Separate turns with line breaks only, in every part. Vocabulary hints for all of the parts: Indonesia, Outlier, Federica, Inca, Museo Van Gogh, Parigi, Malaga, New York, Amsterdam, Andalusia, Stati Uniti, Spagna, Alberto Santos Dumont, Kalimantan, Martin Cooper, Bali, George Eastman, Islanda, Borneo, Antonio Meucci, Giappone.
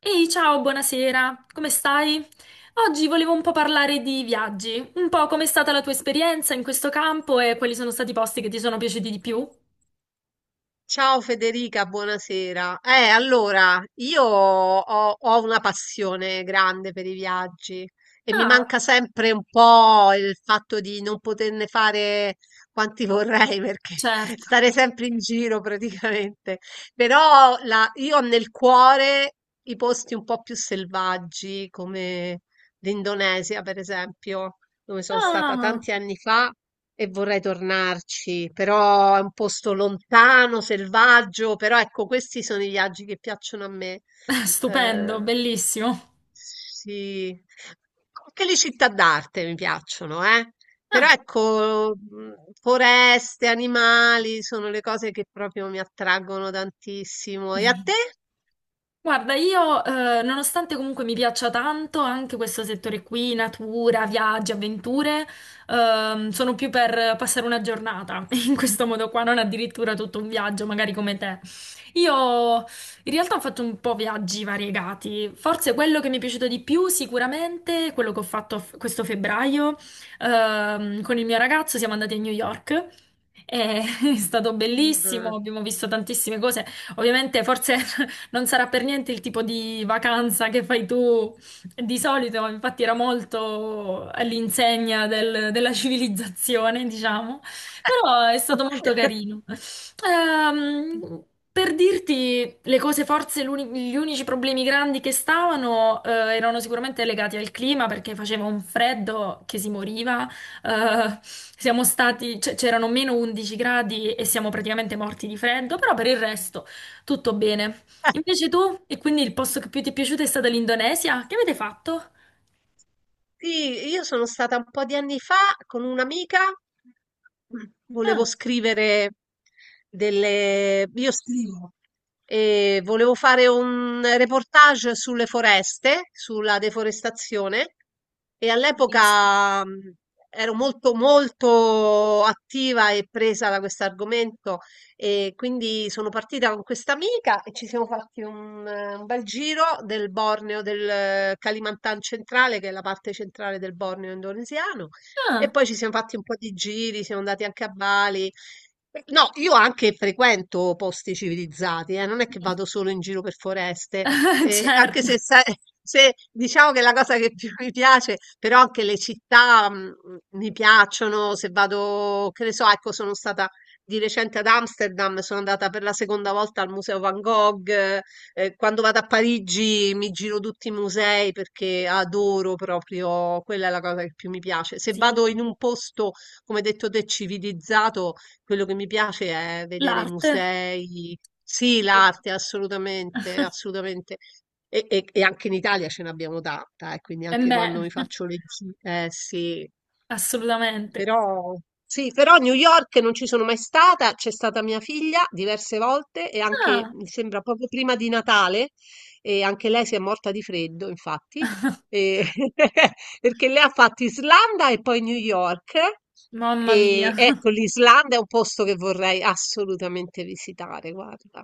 Ehi, ciao, buonasera, come stai? Oggi volevo un po' parlare di viaggi, un po' com'è stata la tua esperienza in questo campo e quali sono stati i posti che ti sono piaciuti di più?
Ciao Federica, buonasera. Io ho una passione grande per i viaggi e mi
Ah,
manca sempre un po' il fatto di non poterne fare quanti vorrei perché
certo.
stare sempre in giro praticamente. Però io ho nel cuore i posti un po' più selvaggi come l'Indonesia, per esempio, dove sono stata
Ah,
tanti anni fa e vorrei tornarci, però è un posto lontano, selvaggio, però ecco, questi sono i viaggi che piacciono a me. Eh,
stupendo, bellissimo.
sì, anche le città d'arte mi piacciono, eh. Però
Ah.
ecco, foreste, animali sono le cose che proprio mi attraggono tantissimo. E a te?
Guarda, io, nonostante comunque mi piaccia tanto anche questo settore qui, natura, viaggi, avventure, sono più per passare una giornata in questo modo qua, non addirittura tutto un viaggio, magari come te. Io in realtà ho fatto un po' viaggi variegati, forse quello che mi è piaciuto di più sicuramente è quello che ho fatto questo febbraio con il mio ragazzo, siamo andati a New York. E è stato
Mm.
bellissimo, abbiamo visto tantissime cose. Ovviamente, forse non sarà per niente il tipo di vacanza che fai tu di solito, infatti, era molto all'insegna della civilizzazione, diciamo, però è stato molto carino. Ehm, per dirti le cose, forse gli unici problemi grandi che stavano erano sicuramente legati al clima perché faceva un freddo che si moriva. Siamo stati, c'erano meno 11 gradi e siamo praticamente morti di freddo, però per il resto tutto bene. Invece tu, e quindi il posto che più ti è piaciuto è stata l'Indonesia? Che avete fatto?
Sì, io sono stata un po' di anni fa con un'amica,
Ah,
volevo scrivere delle... Io scrivo. E volevo fare un reportage sulle foreste, sulla deforestazione e
bellissimo.
all'epoca ero molto attiva e presa da questo argomento e quindi sono partita con questa amica e ci siamo fatti un bel giro del Borneo, del Kalimantan centrale, che è la parte centrale del Borneo indonesiano. E
Ah,
poi ci siamo fatti un po' di giri, siamo andati anche a Bali. No, io anche frequento posti civilizzati, non è
sì.
che vado solo in giro per foreste,
Certo,
anche se, sai- se diciamo che è la cosa che più mi piace, però anche le città mi piacciono, se vado, che ne so, ecco, sono stata di recente ad Amsterdam, sono andata per la seconda volta al Museo Van Gogh. Eh, quando vado a Parigi mi giro tutti i musei perché adoro proprio, quella è la cosa che più mi piace. Se
sì,
vado in un posto, come hai detto te, civilizzato, quello che mi piace è vedere i
l'arte.
musei. Sì, l'arte, assolutamente, assolutamente. E anche in Italia ce n'abbiamo tanta, quindi
E
anche
beh.
quando mi faccio le gite, sì.
Assolutamente.
Però, sì, però a New York non ci sono mai stata, c'è stata mia figlia diverse volte e anche,
Ah,
mi sembra, proprio prima di Natale, e anche lei si è morta di freddo, infatti, e- perché lei ha fatto Islanda e poi New York.
mamma mia.
E ecco, l'Islanda è un posto che vorrei assolutamente visitare, guarda.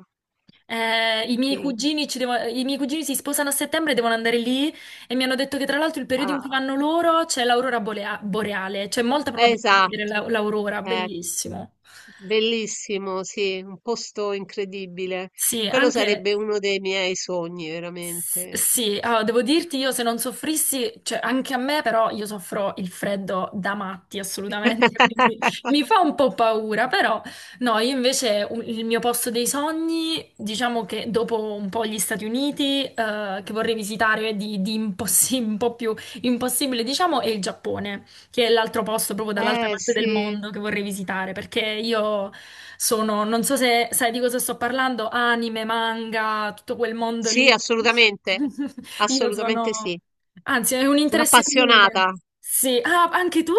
I miei
che-
cugini i miei cugini si sposano a settembre, e devono andare lì e mi hanno detto che tra l'altro il periodo in cui
ah,
vanno loro c'è l'aurora boreale, c'è molta probabilità di vedere
esatto.
l'aurora,
Eh,
bellissimo.
bellissimo, sì, un posto incredibile.
Sì,
Quello
anche
sarebbe uno dei miei sogni, veramente.
Sì, allora, devo dirti io se non soffrissi, cioè anche a me però io soffro il freddo da matti assolutamente, quindi mi fa un po' paura, però no, io invece il mio posto dei sogni, diciamo che dopo un po' gli Stati Uniti, che vorrei visitare di un po' più impossibile, diciamo, è il Giappone che è l'altro posto proprio dall'altra parte del
Sì,
mondo che vorrei visitare, perché io sono, non so se sai di cosa sto parlando, anime, manga, tutto quel mondo
sì,
lì.
assolutamente,
Io
assolutamente
sono,
sì.
anzi, è un interesse comune.
Un'appassionata.
Sì, ah, anche tu.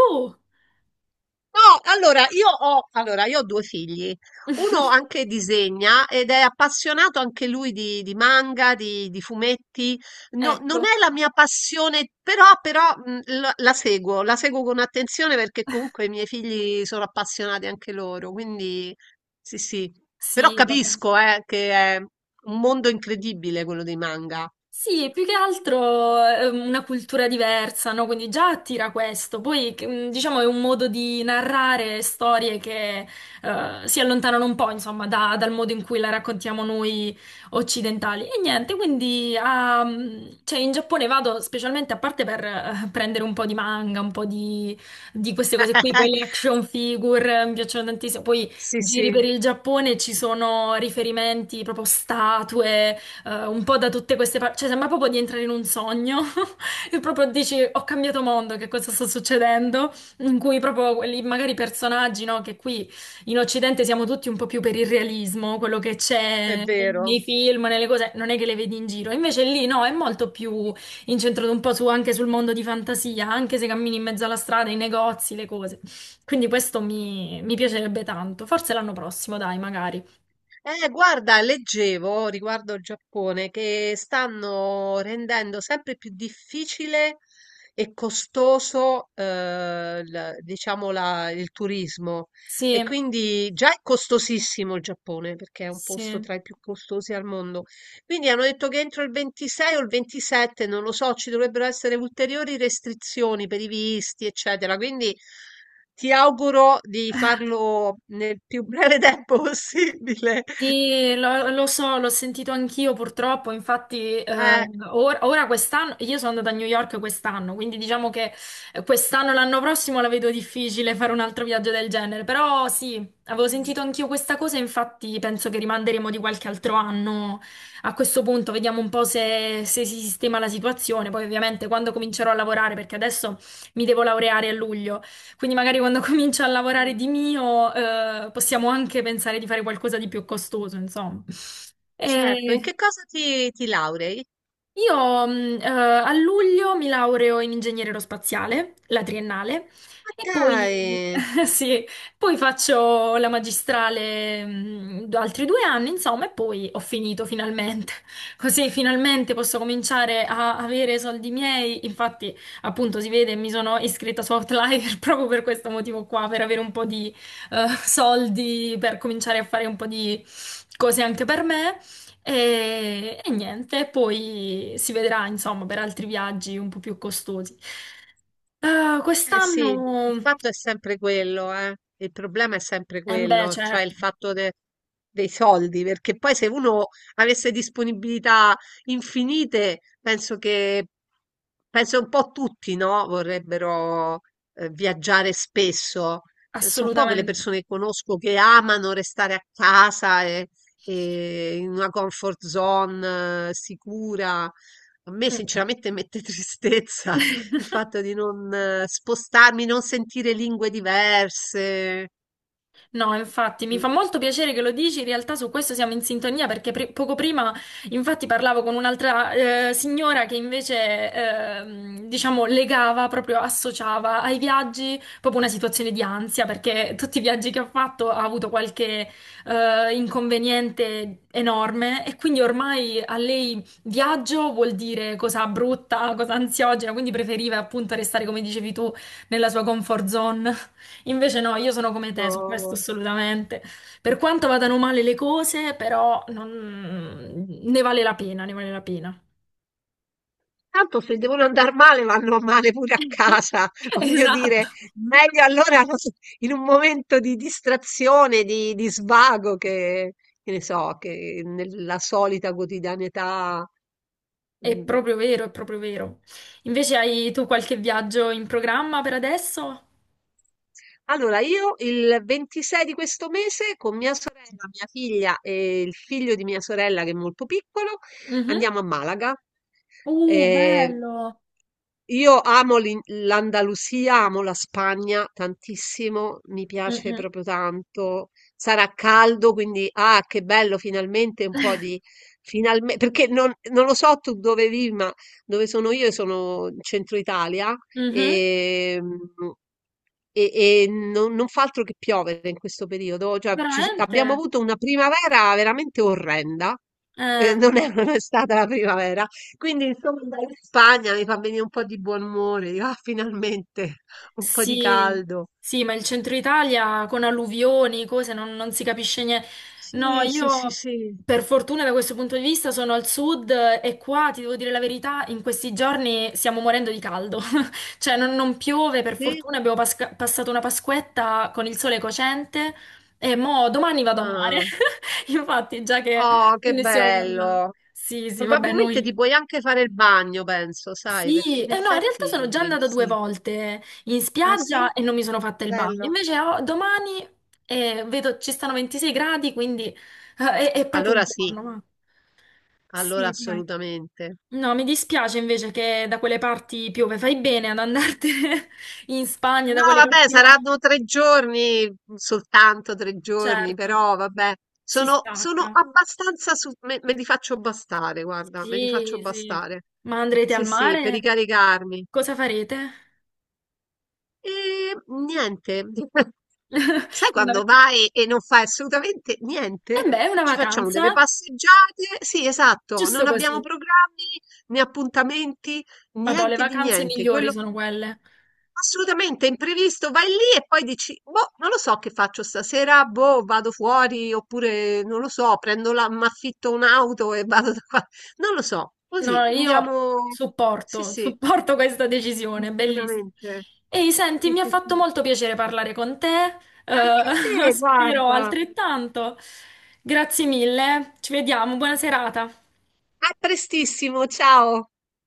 No, allora io ho, Allora, io ho due figli. Uno anche disegna ed è appassionato anche lui di manga, di fumetti. No-
Ecco,
non è la mia passione, però la seguo, la seguo con attenzione perché comunque i miei figli sono appassionati anche loro. Quindi sì, sì. Però
sì, vabbè.
capisco, che è un mondo incredibile quello dei manga.
Sì, più che altro è una cultura diversa, no? Quindi già attira questo. Poi, che, diciamo, è un modo di narrare storie che si allontanano un po', insomma, dal modo in cui la raccontiamo noi occidentali. E niente, quindi ah, cioè, in Giappone vado specialmente a parte per prendere un po' di manga, un po' di queste cose qui. Poi le action figure mi piacciono tantissimo. Poi
Sì, sì,
giri per il Giappone, ci sono riferimenti, proprio statue un po' da tutte queste parti, cioè sembra proprio di entrare in un sogno e proprio dici ho cambiato mondo, che cosa sta succedendo? In cui proprio quelli magari personaggi, no? Che qui in Occidente siamo tutti un po' più per il realismo, quello che
è
c'è nei,
vero.
nei film, nelle cose, non è che le vedi in giro. Invece lì no, è molto più incentrato un po' anche sul mondo di fantasia, anche se cammini in mezzo alla strada, i negozi, le cose. Quindi questo mi piacerebbe tanto. Forse l'anno prossimo, dai, magari.
Guarda, leggevo riguardo il Giappone che stanno rendendo sempre più difficile e costoso, il turismo. E
Sì,
quindi già è costosissimo il Giappone perché è un posto
sì.
tra i più costosi al mondo. Quindi hanno detto che entro il 26 o il 27, non lo so, ci dovrebbero essere ulteriori restrizioni per i visti, eccetera. Quindi ti auguro di farlo nel più breve tempo possibile.
Sì, lo so, l'ho sentito anch'io purtroppo, infatti
Eh,
ora quest'anno, io sono andata a New York quest'anno, quindi diciamo che quest'anno, l'anno prossimo la vedo difficile fare un altro viaggio del genere, però sì, avevo
mm,
sentito anch'io questa cosa, infatti penso che rimanderemo di qualche altro anno a questo punto, vediamo un po' se, se si sistema la situazione, poi ovviamente quando comincerò a lavorare, perché adesso mi devo laureare a luglio. Quindi magari quando comincio a lavorare di mio, possiamo anche pensare di fare qualcosa di più costoso, insomma.
certo, in
E-
che cosa ti laurei?
io a luglio mi laureo in ingegneria aerospaziale, la triennale,
Ma
e poi,
dai!
sì, poi faccio la magistrale altri due anni, insomma, e poi ho finito finalmente. Così finalmente posso cominciare a avere soldi miei. Infatti, appunto, si vede, mi sono iscritta su Outlier proprio per questo motivo qua, per avere un po' di soldi, per cominciare a fare un po' di cose anche per me. E niente, poi si vedrà, insomma, per altri viaggi un po' più costosi.
Eh sì, il
Quest'anno,
fatto è sempre quello, eh. Il problema è sempre
eh beh,
quello, cioè il
certo,
fatto dei soldi, perché poi se uno avesse disponibilità infinite, penso un po' tutti, no? Vorrebbero viaggiare spesso. Sono poche le
assolutamente.
persone che conosco che amano restare a casa e in una comfort zone sicura. A me
Mm, mm.
sinceramente mette tristezza il fatto di non spostarmi, non sentire lingue diverse.
No, infatti, mi fa
l-
molto piacere che lo dici, in realtà su questo siamo in sintonia perché poco prima infatti parlavo con un'altra signora che invece diciamo legava, proprio associava ai viaggi proprio una situazione di ansia perché tutti i viaggi che ha fatto ha avuto qualche inconveniente enorme e quindi ormai a lei viaggio vuol dire cosa brutta, cosa ansiogena, quindi preferiva appunto restare come dicevi tu nella sua comfort zone. Invece no, io sono come te su questo
no.
assolutamente. Per quanto vadano male le cose, però ne vale la pena, ne vale la pena.
Tanto se devono andare male, vanno male pure a casa. Voglio
Esatto.
dire, meglio allora non so, in un momento di distrazione, di svago, che ne so, che nella solita quotidianità.
È
mm,
proprio vero, è proprio vero. Invece hai tu qualche viaggio in programma per adesso?
Allora, io il 26 di questo mese con mia sorella, mia figlia e il figlio di mia sorella che è molto piccolo
Mhm.
andiamo a Malaga. Eh,
Bello.
io amo l'Andalusia, amo la Spagna tantissimo, mi piace
Mhm.
proprio tanto. Sarà caldo, quindi ah, che bello, finalmente un po' di... Perché non lo so tu dove vivi, ma dove sono io, sono in centro Italia.
Mhm.
E, e, e non fa altro che piovere in questo periodo. Cioè, abbiamo
Veramente?
avuto una primavera veramente orrenda. Eh,
Eh.
non è stata la primavera, quindi insomma andare in Spagna mi fa venire un po' di buon umore, dico, "Ah, finalmente un po' di
Sì,
caldo.
sì, ma il centro Italia con alluvioni, cose, non, non si capisce niente. No,
Sì, sì, sì,
io
sì.
per fortuna da questo punto di vista sono al sud e qua, ti devo dire la verità, in questi giorni stiamo morendo di caldo. Cioè non, non piove, per
Sì?
fortuna abbiamo passato una Pasquetta con il sole cocente e mo domani vado a mare.
Ah.
Infatti, già che
Oh, che
ne stiamo parlando.
bello.
Sì, sì, vabbè,
Probabilmente
noi...
ti puoi anche fare il bagno, penso, sai, perché
Sì,
in
no, in realtà sono già
effetti
andata due
sì.
volte in
Ah,
spiaggia
sì?
e non mi sono fatta il bagno.
Bello.
Invece domani vedo ci stanno 26 gradi, quindi è proprio un
Allora sì,
giorno. Ma...
allora
Sì, dai.
assolutamente.
No, mi dispiace invece che da quelle parti piove. Fai bene ad andartene in Spagna,
No,
da quelle
vabbè,
parti là.
saranno tre giorni, soltanto tre giorni,
Certo,
però vabbè,
si
sono
stacca.
abbastanza, me li faccio bastare, guarda, me li faccio
Sì, sì.
bastare.
Ma andrete al
Sì, sì, per
mare?
ricaricarmi.
Cosa farete?
E niente, sai
Non
quando
avete...
vai e non fai assolutamente niente?
Eh beh, è una
Ci facciamo delle
vacanza,
passeggiate, sì, esatto,
giusto
non abbiamo
così.
programmi né appuntamenti,
Madò, le
niente di
vacanze
niente.
migliori
Quello,
sono quelle.
assolutamente, imprevisto, vai lì e poi dici: "Boh, non lo so che faccio stasera, boh, vado fuori oppure non lo so, prendo la m'affitto un'auto e vado da qua". Non lo so,
No,
così
io
andiamo sì,
supporto,
sì,
supporto questa decisione, bellissima.
assolutamente.
Ehi, senti,
Sì,
mi ha
sì,
fatto
sì.
molto piacere parlare con te,
Anche a te,
spero
guarda.
altrettanto. Grazie mille, ci vediamo, buona serata.
A prestissimo, ciao.